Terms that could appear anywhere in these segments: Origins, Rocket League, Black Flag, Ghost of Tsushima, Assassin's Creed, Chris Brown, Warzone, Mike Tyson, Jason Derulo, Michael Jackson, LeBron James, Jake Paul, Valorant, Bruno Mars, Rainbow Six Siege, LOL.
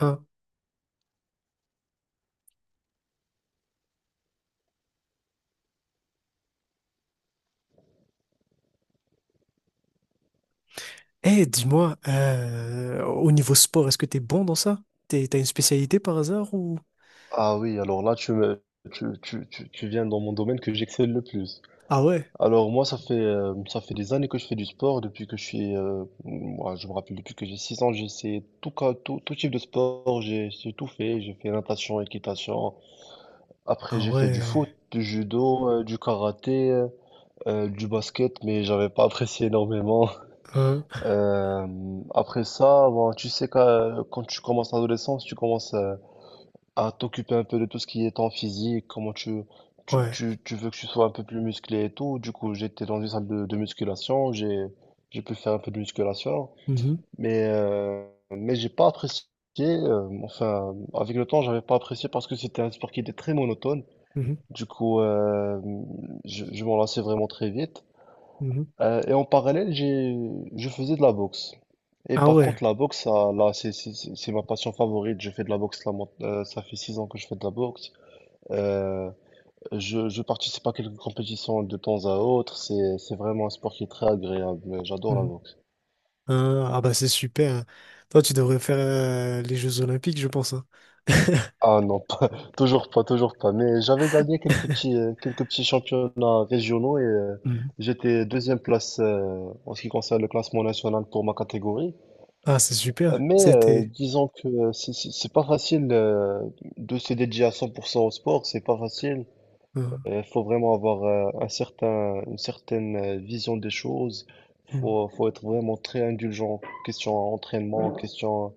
Ah. Eh, dis-moi, au niveau sport, est-ce que t'es bon dans ça? T'as une spécialité par hasard ou... Ah oui, alors là, tu me, tu viens dans mon domaine que j'excelle le plus. Ah ouais, Alors moi, ça fait des années que je fais du sport, depuis que je suis, moi, je me rappelle, depuis que j'ai 6 ans, j'ai essayé tout, tout, tout type de sport, j'ai tout fait, j'ai fait natation, équitation, après ah j'ai fait du ouais, foot, du judo, du karaté, du basket, mais j'avais pas apprécié énormément. hein, Euh, après ça, bon, tu sais, quand tu commences l'adolescence, tu commences à t'occuper un peu de tout ce qui est ton physique, comment tu, tu, ouais, tu, tu veux que tu sois un peu plus musclé et tout. Du coup, j'étais dans une salle de musculation, j'ai pu faire un peu de musculation, mhm, mais, euh, mais j'ai pas apprécié, enfin, avec le temps, j'avais pas apprécié parce que c'était un sport qui était très monotone. mhm, Du coup, je m'en lassais vraiment très vite. mhm. Et en parallèle, je faisais de la boxe. Et Ah par ouais, contre, la boxe, ça, là, c'est ma passion favorite. Je fais de la boxe, là, ça fait six ans que je fais de la boxe. Euh, je participe à quelques compétitions de temps à autre. C'est vraiment un sport qui est très agréable. J'adore la mhm. boxe. Hein, ah bah c'est super, hein. Toi, tu devrais faire les Jeux Olympiques, je pense, hein. Ah non, pas, toujours pas, toujours pas. Mais j'avais gagné quelques petits championnats régionaux et Mhm. j'étais deuxième place en ce qui concerne le classement national pour ma catégorie. Ah, c'est super, Mais c'était... disons que c'est pas facile de se dédier à 100% au sport. C'est pas facile. euh, Il faut vraiment avoir un certain, une certaine vision des choses. mmh. Faut être vraiment très indulgent. Question entraînement, question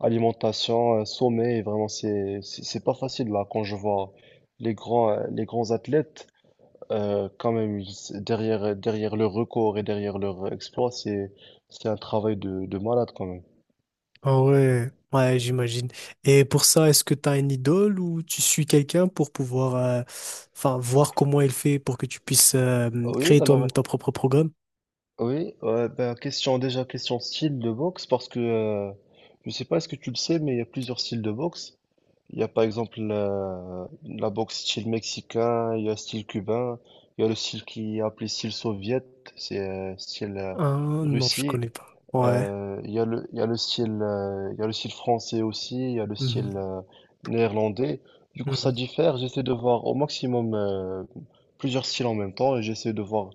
alimentation, sommeil. Vraiment, c'est pas facile là quand je vois les grands athlètes. Quand même, derrière, derrière leur record et derrière leur exploit, c'est un travail de malade quand même. Ah ouais, ouais, j'imagine. Et pour ça, est-ce que tu as une idole ou tu suis quelqu'un pour pouvoir enfin voir comment il fait pour que tu puisses Oui, créer toi-même alors, ton propre programme? oui, ben, question, déjà question style de boxe parce que je sais pas, est-ce que tu le sais, mais il y a plusieurs styles de boxe. Il y a par exemple la boxe style mexicain, il y a style cubain, il y a le style qui est appelé style soviète, c'est style Ah non, je Russie. connais pas. Ouais. Il y a le style, il y a le style français aussi, il y a le Mhm. style néerlandais. Du coup, ça Mhm. diffère. J'essaie de voir au maximum plusieurs styles en même temps et j'essaie de voir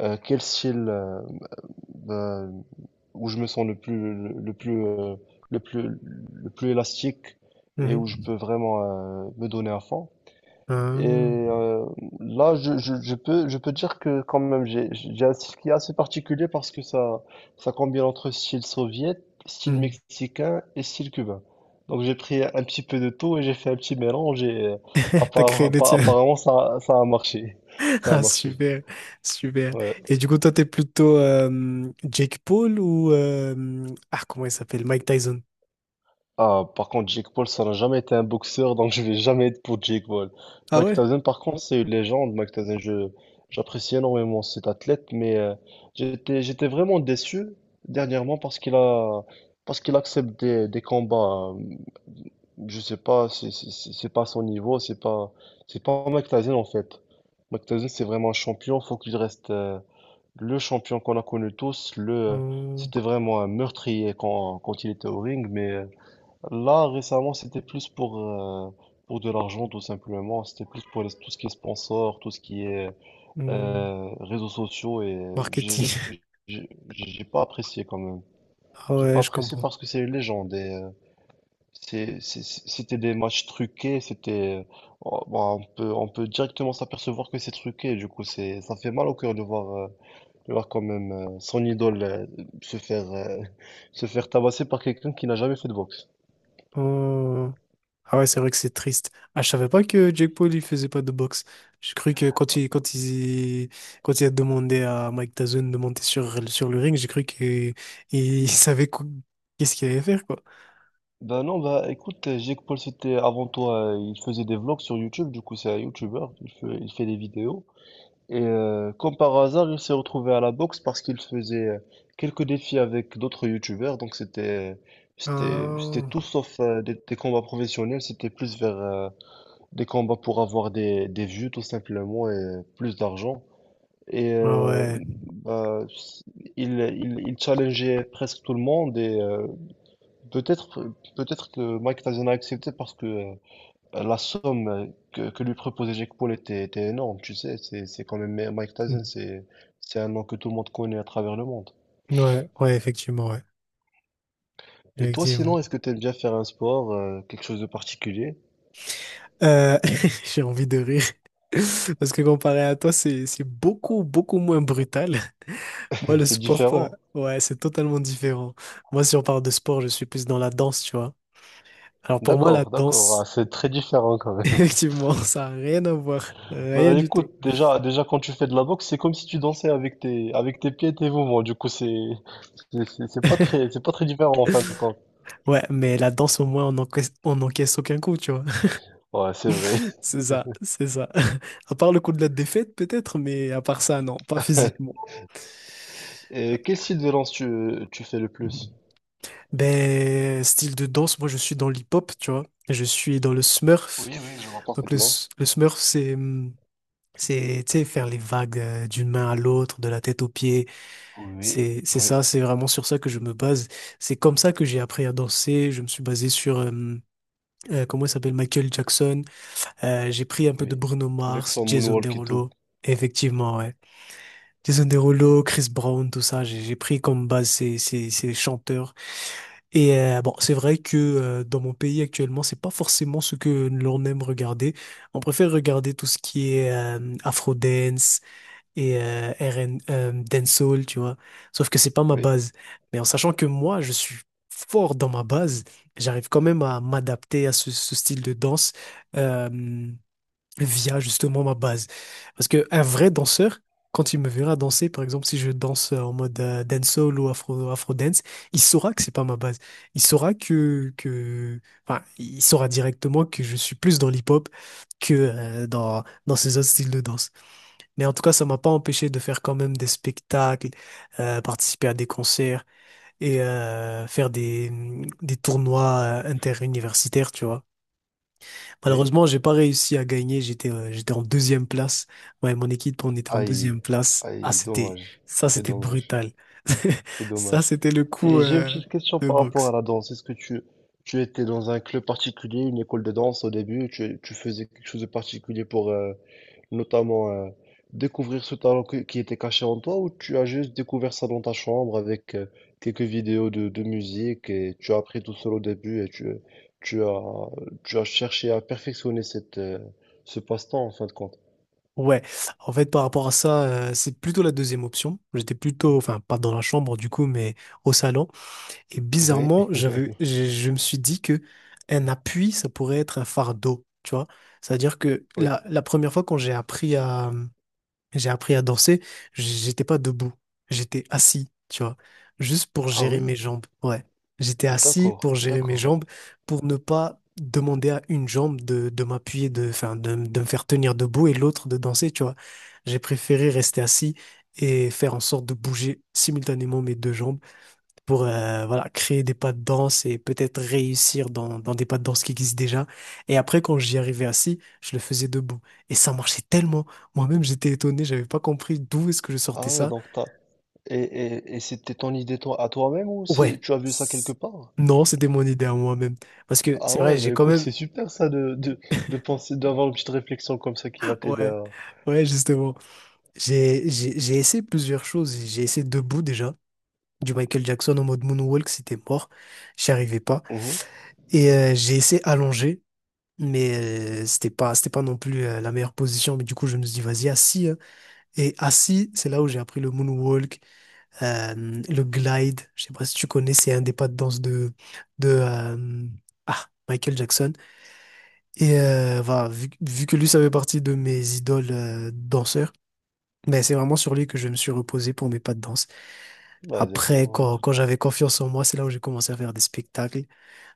quel style. Euh, où je me sens le plus le plus le plus le plus élastique et Mhm. où je peux vraiment me donner à fond. Et Ah. Là, je peux dire que quand même j'ai un style qui est assez particulier parce que ça combine entre style soviétique, style Mhm. mexicain et style cubain. Donc j'ai pris un petit peu de tout et j'ai fait un petit mélange et T'as créé le tien. apparemment ça a marché. Ça a Ah marché. super, super. Ouais. Et du coup, toi, t'es plutôt Jake Paul ou ah comment il s'appelle? Mike Tyson. Ah, par contre, Jake Paul, ça n'a jamais été un boxeur, donc je vais jamais être pour Jake Paul. Ah Mike ouais? Tyson, par contre, c'est une légende. J'apprécie énormément cet athlète, mais j'étais vraiment déçu dernièrement parce qu'il accepte des combats. Je sais pas, c'est pas son niveau, c'est pas Mike Tyson en fait. Mike Tyson, c'est vraiment un champion, faut qu'il reste le champion qu'on a connu tous. Le, Hum, c'était vraiment un meurtrier quand il était au ring, mais là, récemment, pour de l'argent, tout simplement. C'était plus pour tout ce qui est sponsor, tout ce qui est hum. Réseaux sociaux. Et j'ai Marketing. J'ai pas apprécié quand même. Ah J'ai ouais, pas je apprécié comprends. parce que c'est les gens. Des, c'était des matchs truqués. C'était, oh, bah, on peut directement s'apercevoir que c'est truqué. Du coup, c'est, ça fait mal au cœur de voir quand même son idole se faire, se faire tabasser par quelqu'un qui n'a jamais fait de boxe. Oh. Ah ouais, c'est vrai que c'est triste. Ah, je savais pas que Jake Paul, il faisait pas de boxe. J'ai cru que quand il a demandé à Mike Tyson de monter sur, sur le ring, j'ai cru que il savait qu'est-ce qu'il allait faire, quoi. Ben non, bah écoute, Jake Paul, c'était avant toi, il faisait des vlogs sur YouTube, du coup c'est un YouTuber, il fait des vidéos. Et comme par hasard, il s'est retrouvé à la boxe parce qu'il faisait quelques défis avec d'autres YouTubers, donc c'était Ah, tout sauf des combats professionnels, c'était plus vers des combats pour avoir des vues tout simplement et plus d'argent. Et ah ouais. bah, il challengeait presque tout le monde et Peut-être, peut-être que Mike Tyson a accepté parce que la somme que lui proposait Jake Paul était énorme, tu sais, c'est quand même Mike Tyson, Hmm. C'est un nom que tout le monde connaît à travers le monde. Ouais, ouais, effectivement, ouais. Et toi, sinon, Effectivement. est-ce que tu aimes bien faire un sport, quelque chose de particulier? Euh, j'ai envie de rire. Parce que comparé à toi, c'est beaucoup, beaucoup moins brutal. Moi, le C'est sport, différent. ouais, c'est totalement différent. Moi, si on parle de sport, je suis plus dans la danse, tu vois. Alors pour moi, la D'accord, d'accord, ah, danse, c'est très différent quand même. effectivement, ça a rien à voir. Rien Bah du tout. écoute, déjà, déjà quand tu fais de la boxe, c'est comme si tu dansais avec tes pieds et tes mouvements. Du coup, c'est, c'est pas très différent en fin de compte. Ouais, mais la danse, au moins, on encaisse, on n'encaisse aucun coup, tu vois. Ouais, c'est vrai. C'est ça, c'est ça. À part le coup de la défaite, peut-être, mais à part ça, non, pas physiquement. Et quel style de danse tu fais le plus? Ben, style de danse, moi, je suis dans l'hip-hop, tu vois. Je suis dans le smurf. Oui, oui, je vois Donc, parfaitement. Le smurf, c'est, tu sais, faire les vagues d'une main à l'autre, de la tête aux pieds. Oui, C'est oui, ça, c'est vraiment sur ça que je me base. C'est comme ça que j'ai appris à danser. Je me suis basé sur, comment il s'appelle, Michael Jackson. J'ai pris un peu de oui. Bruno Avec Mars, son Jason moonwalk et tout. Derulo. Effectivement, ouais. Jason Derulo, Chris Brown, tout ça, j'ai pris comme base ces chanteurs. Et bon, c'est vrai que dans mon pays actuellement, c'est pas forcément ce que l'on aime regarder. On préfère regarder tout ce qui est afro et RN, dancehall, tu vois. Sauf que c'est pas ma Oui, base. Mais en sachant que moi, je suis fort dans ma base, j'arrive quand même à m'adapter à ce style de danse euh, via justement ma base. Parce que un vrai danseur, quand il me verra danser, par exemple, si je danse en mode dancehall ou afro, afro dance, il saura que c'est pas ma base. Il saura enfin, il saura directement que je suis plus dans l'hip-hop que dans ces autres styles de danse. Mais en tout cas, ça m'a pas empêché de faire quand même des spectacles, participer à des concerts et faire des tournois interuniversitaires, tu vois. oui. Malheureusement, j'ai pas réussi à gagner. J'étais en deuxième place. Ouais, mon équipe, on était en Aïe, deuxième place. Ah, aïe, c'était dommage. ça, C'est c'était dommage, brutal. c'est Ça, dommage. c'était le coup Et j'ai une petite question de par rapport à boxe. la danse. Est-ce que tu étais dans un club particulier, une école de danse au début? Tu faisais quelque chose de particulier pour, notamment, découvrir ce talent qui était caché en toi ou tu as juste découvert ça dans ta chambre avec quelques vidéos de musique et tu as appris tout seul au début et tu as, tu as cherché à perfectionner cette, ce passe-temps en fin de compte. Ouais, en fait, par rapport à ça, c'est plutôt la deuxième option. J'étais plutôt, enfin, pas dans la chambre du coup, mais au salon. Et Oui, bizarrement, je me suis dit que un appui, ça pourrait être un fardeau, tu vois. C'est-à-dire que oui. La première fois quand j'ai appris à danser, j'étais pas debout, j'étais assis, tu vois, juste pour Ah gérer oui, mes jambes. Ouais, j'étais assis d'accord, pour gérer mes d'accord. jambes, pour ne pas demander à une jambe de m'appuyer, de me faire tenir debout et l'autre de danser, tu vois. J'ai préféré rester assis et faire en sorte de bouger simultanément mes deux jambes pour voilà, créer des pas de danse et peut-être réussir dans des pas de danse qui existent déjà. Et après, quand j'y arrivais assis, je le faisais debout. Et ça marchait tellement. Moi-même, j'étais étonné, j'avais pas compris d'où est-ce que je sortais Ah ouais, ça. donc t'as... Et, c'était ton idée toi, à toi-même ou Ouais. tu as vu ça quelque c- part? Non, c'était mon idée à moi-même. Parce que Ah c'est vrai, ouais, j'ai bah quand écoute, même... c'est super ça de penser, d'avoir une petite réflexion comme ça qui va t'aider Ouais, ouais, justement. J'ai essayé plusieurs choses. J'ai essayé debout déjà. Du Michael Jackson en mode moonwalk, c'était mort. J'y arrivais pas. à... Et j'ai essayé allongé. Mais c'était pas non plus la meilleure position. Mais du coup, je me suis dit, vas-y, assis, hein. Et assis, c'est là où j'ai appris le moonwalk, euh, le glide. Je sais pas si tu connais, c'est un des pas de danse de ah, Michael Jackson. Et voilà, vu que lui, ça fait partie de mes idoles danseurs, ben, c'est vraiment sur lui que je me suis reposé pour mes pas de danse. Bah, Après, d'accord, écoute, quand j'avais confiance en moi, c'est là où j'ai commencé à faire des spectacles,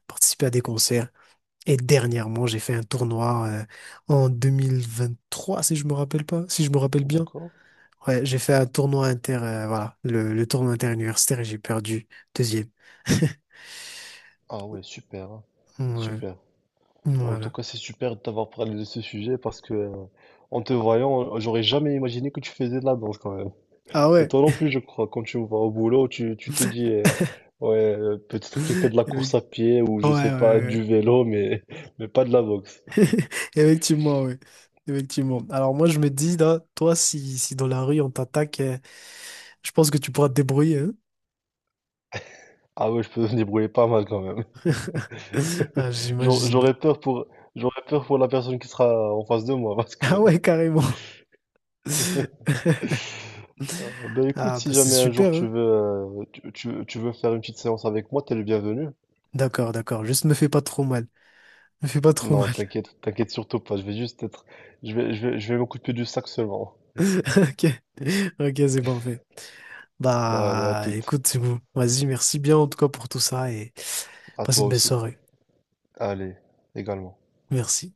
participer à des concerts. Et dernièrement, j'ai fait un tournoi en 2023, si je me rappelle pas, si je me rappelle bien. d'accord. Ouais, j'ai fait un tournoi voilà, le tournoi interuniversitaire et j'ai perdu deuxième. Ah ouais, super, hein, Ouais, super. Bah, en tout voilà. cas, c'est super de t'avoir parlé de ce sujet parce que, en te voyant, j'aurais jamais imaginé que tu faisais de la danse quand même. Ah Et ouais. toi non plus, je crois, quand tu vas au boulot, tu te dis, ouais, peut-être qu'il fait de la course Effect- à pied ou Ouais, je sais pas, ouais, du vélo, mais, mais pas de la boxe. ouais. Effectivement, ouais. Effectivement. Alors moi, je me dis, là, toi, si, si dans la rue on t'attaque, je pense que tu pourras te débrouiller, hein. Ah ouais, je peux me débrouiller pas mal quand même. Ah, j'imagine. j'aurais peur pour, j'aurais peur pour la personne qui sera en face de moi parce Ah que ouais, carrément. Ben écoute, Ah bah si c'est jamais un jour super, tu hein. veux, tu veux faire une petite séance avec moi, t'es le bienvenu. D'accord, d'accord. Juste me fais pas trop mal. Me fais pas trop Non, mal. t'inquiète, t'inquiète surtout pas. Je vais, je vais m'occuper du sac seulement. Ok, ok, c'est parfait. Allez, à Bah, toute, écoute, c'est bon. Vas-y, merci bien en tout cas pour tout ça et à passe toi une belle aussi. soirée. Allez, également. Merci.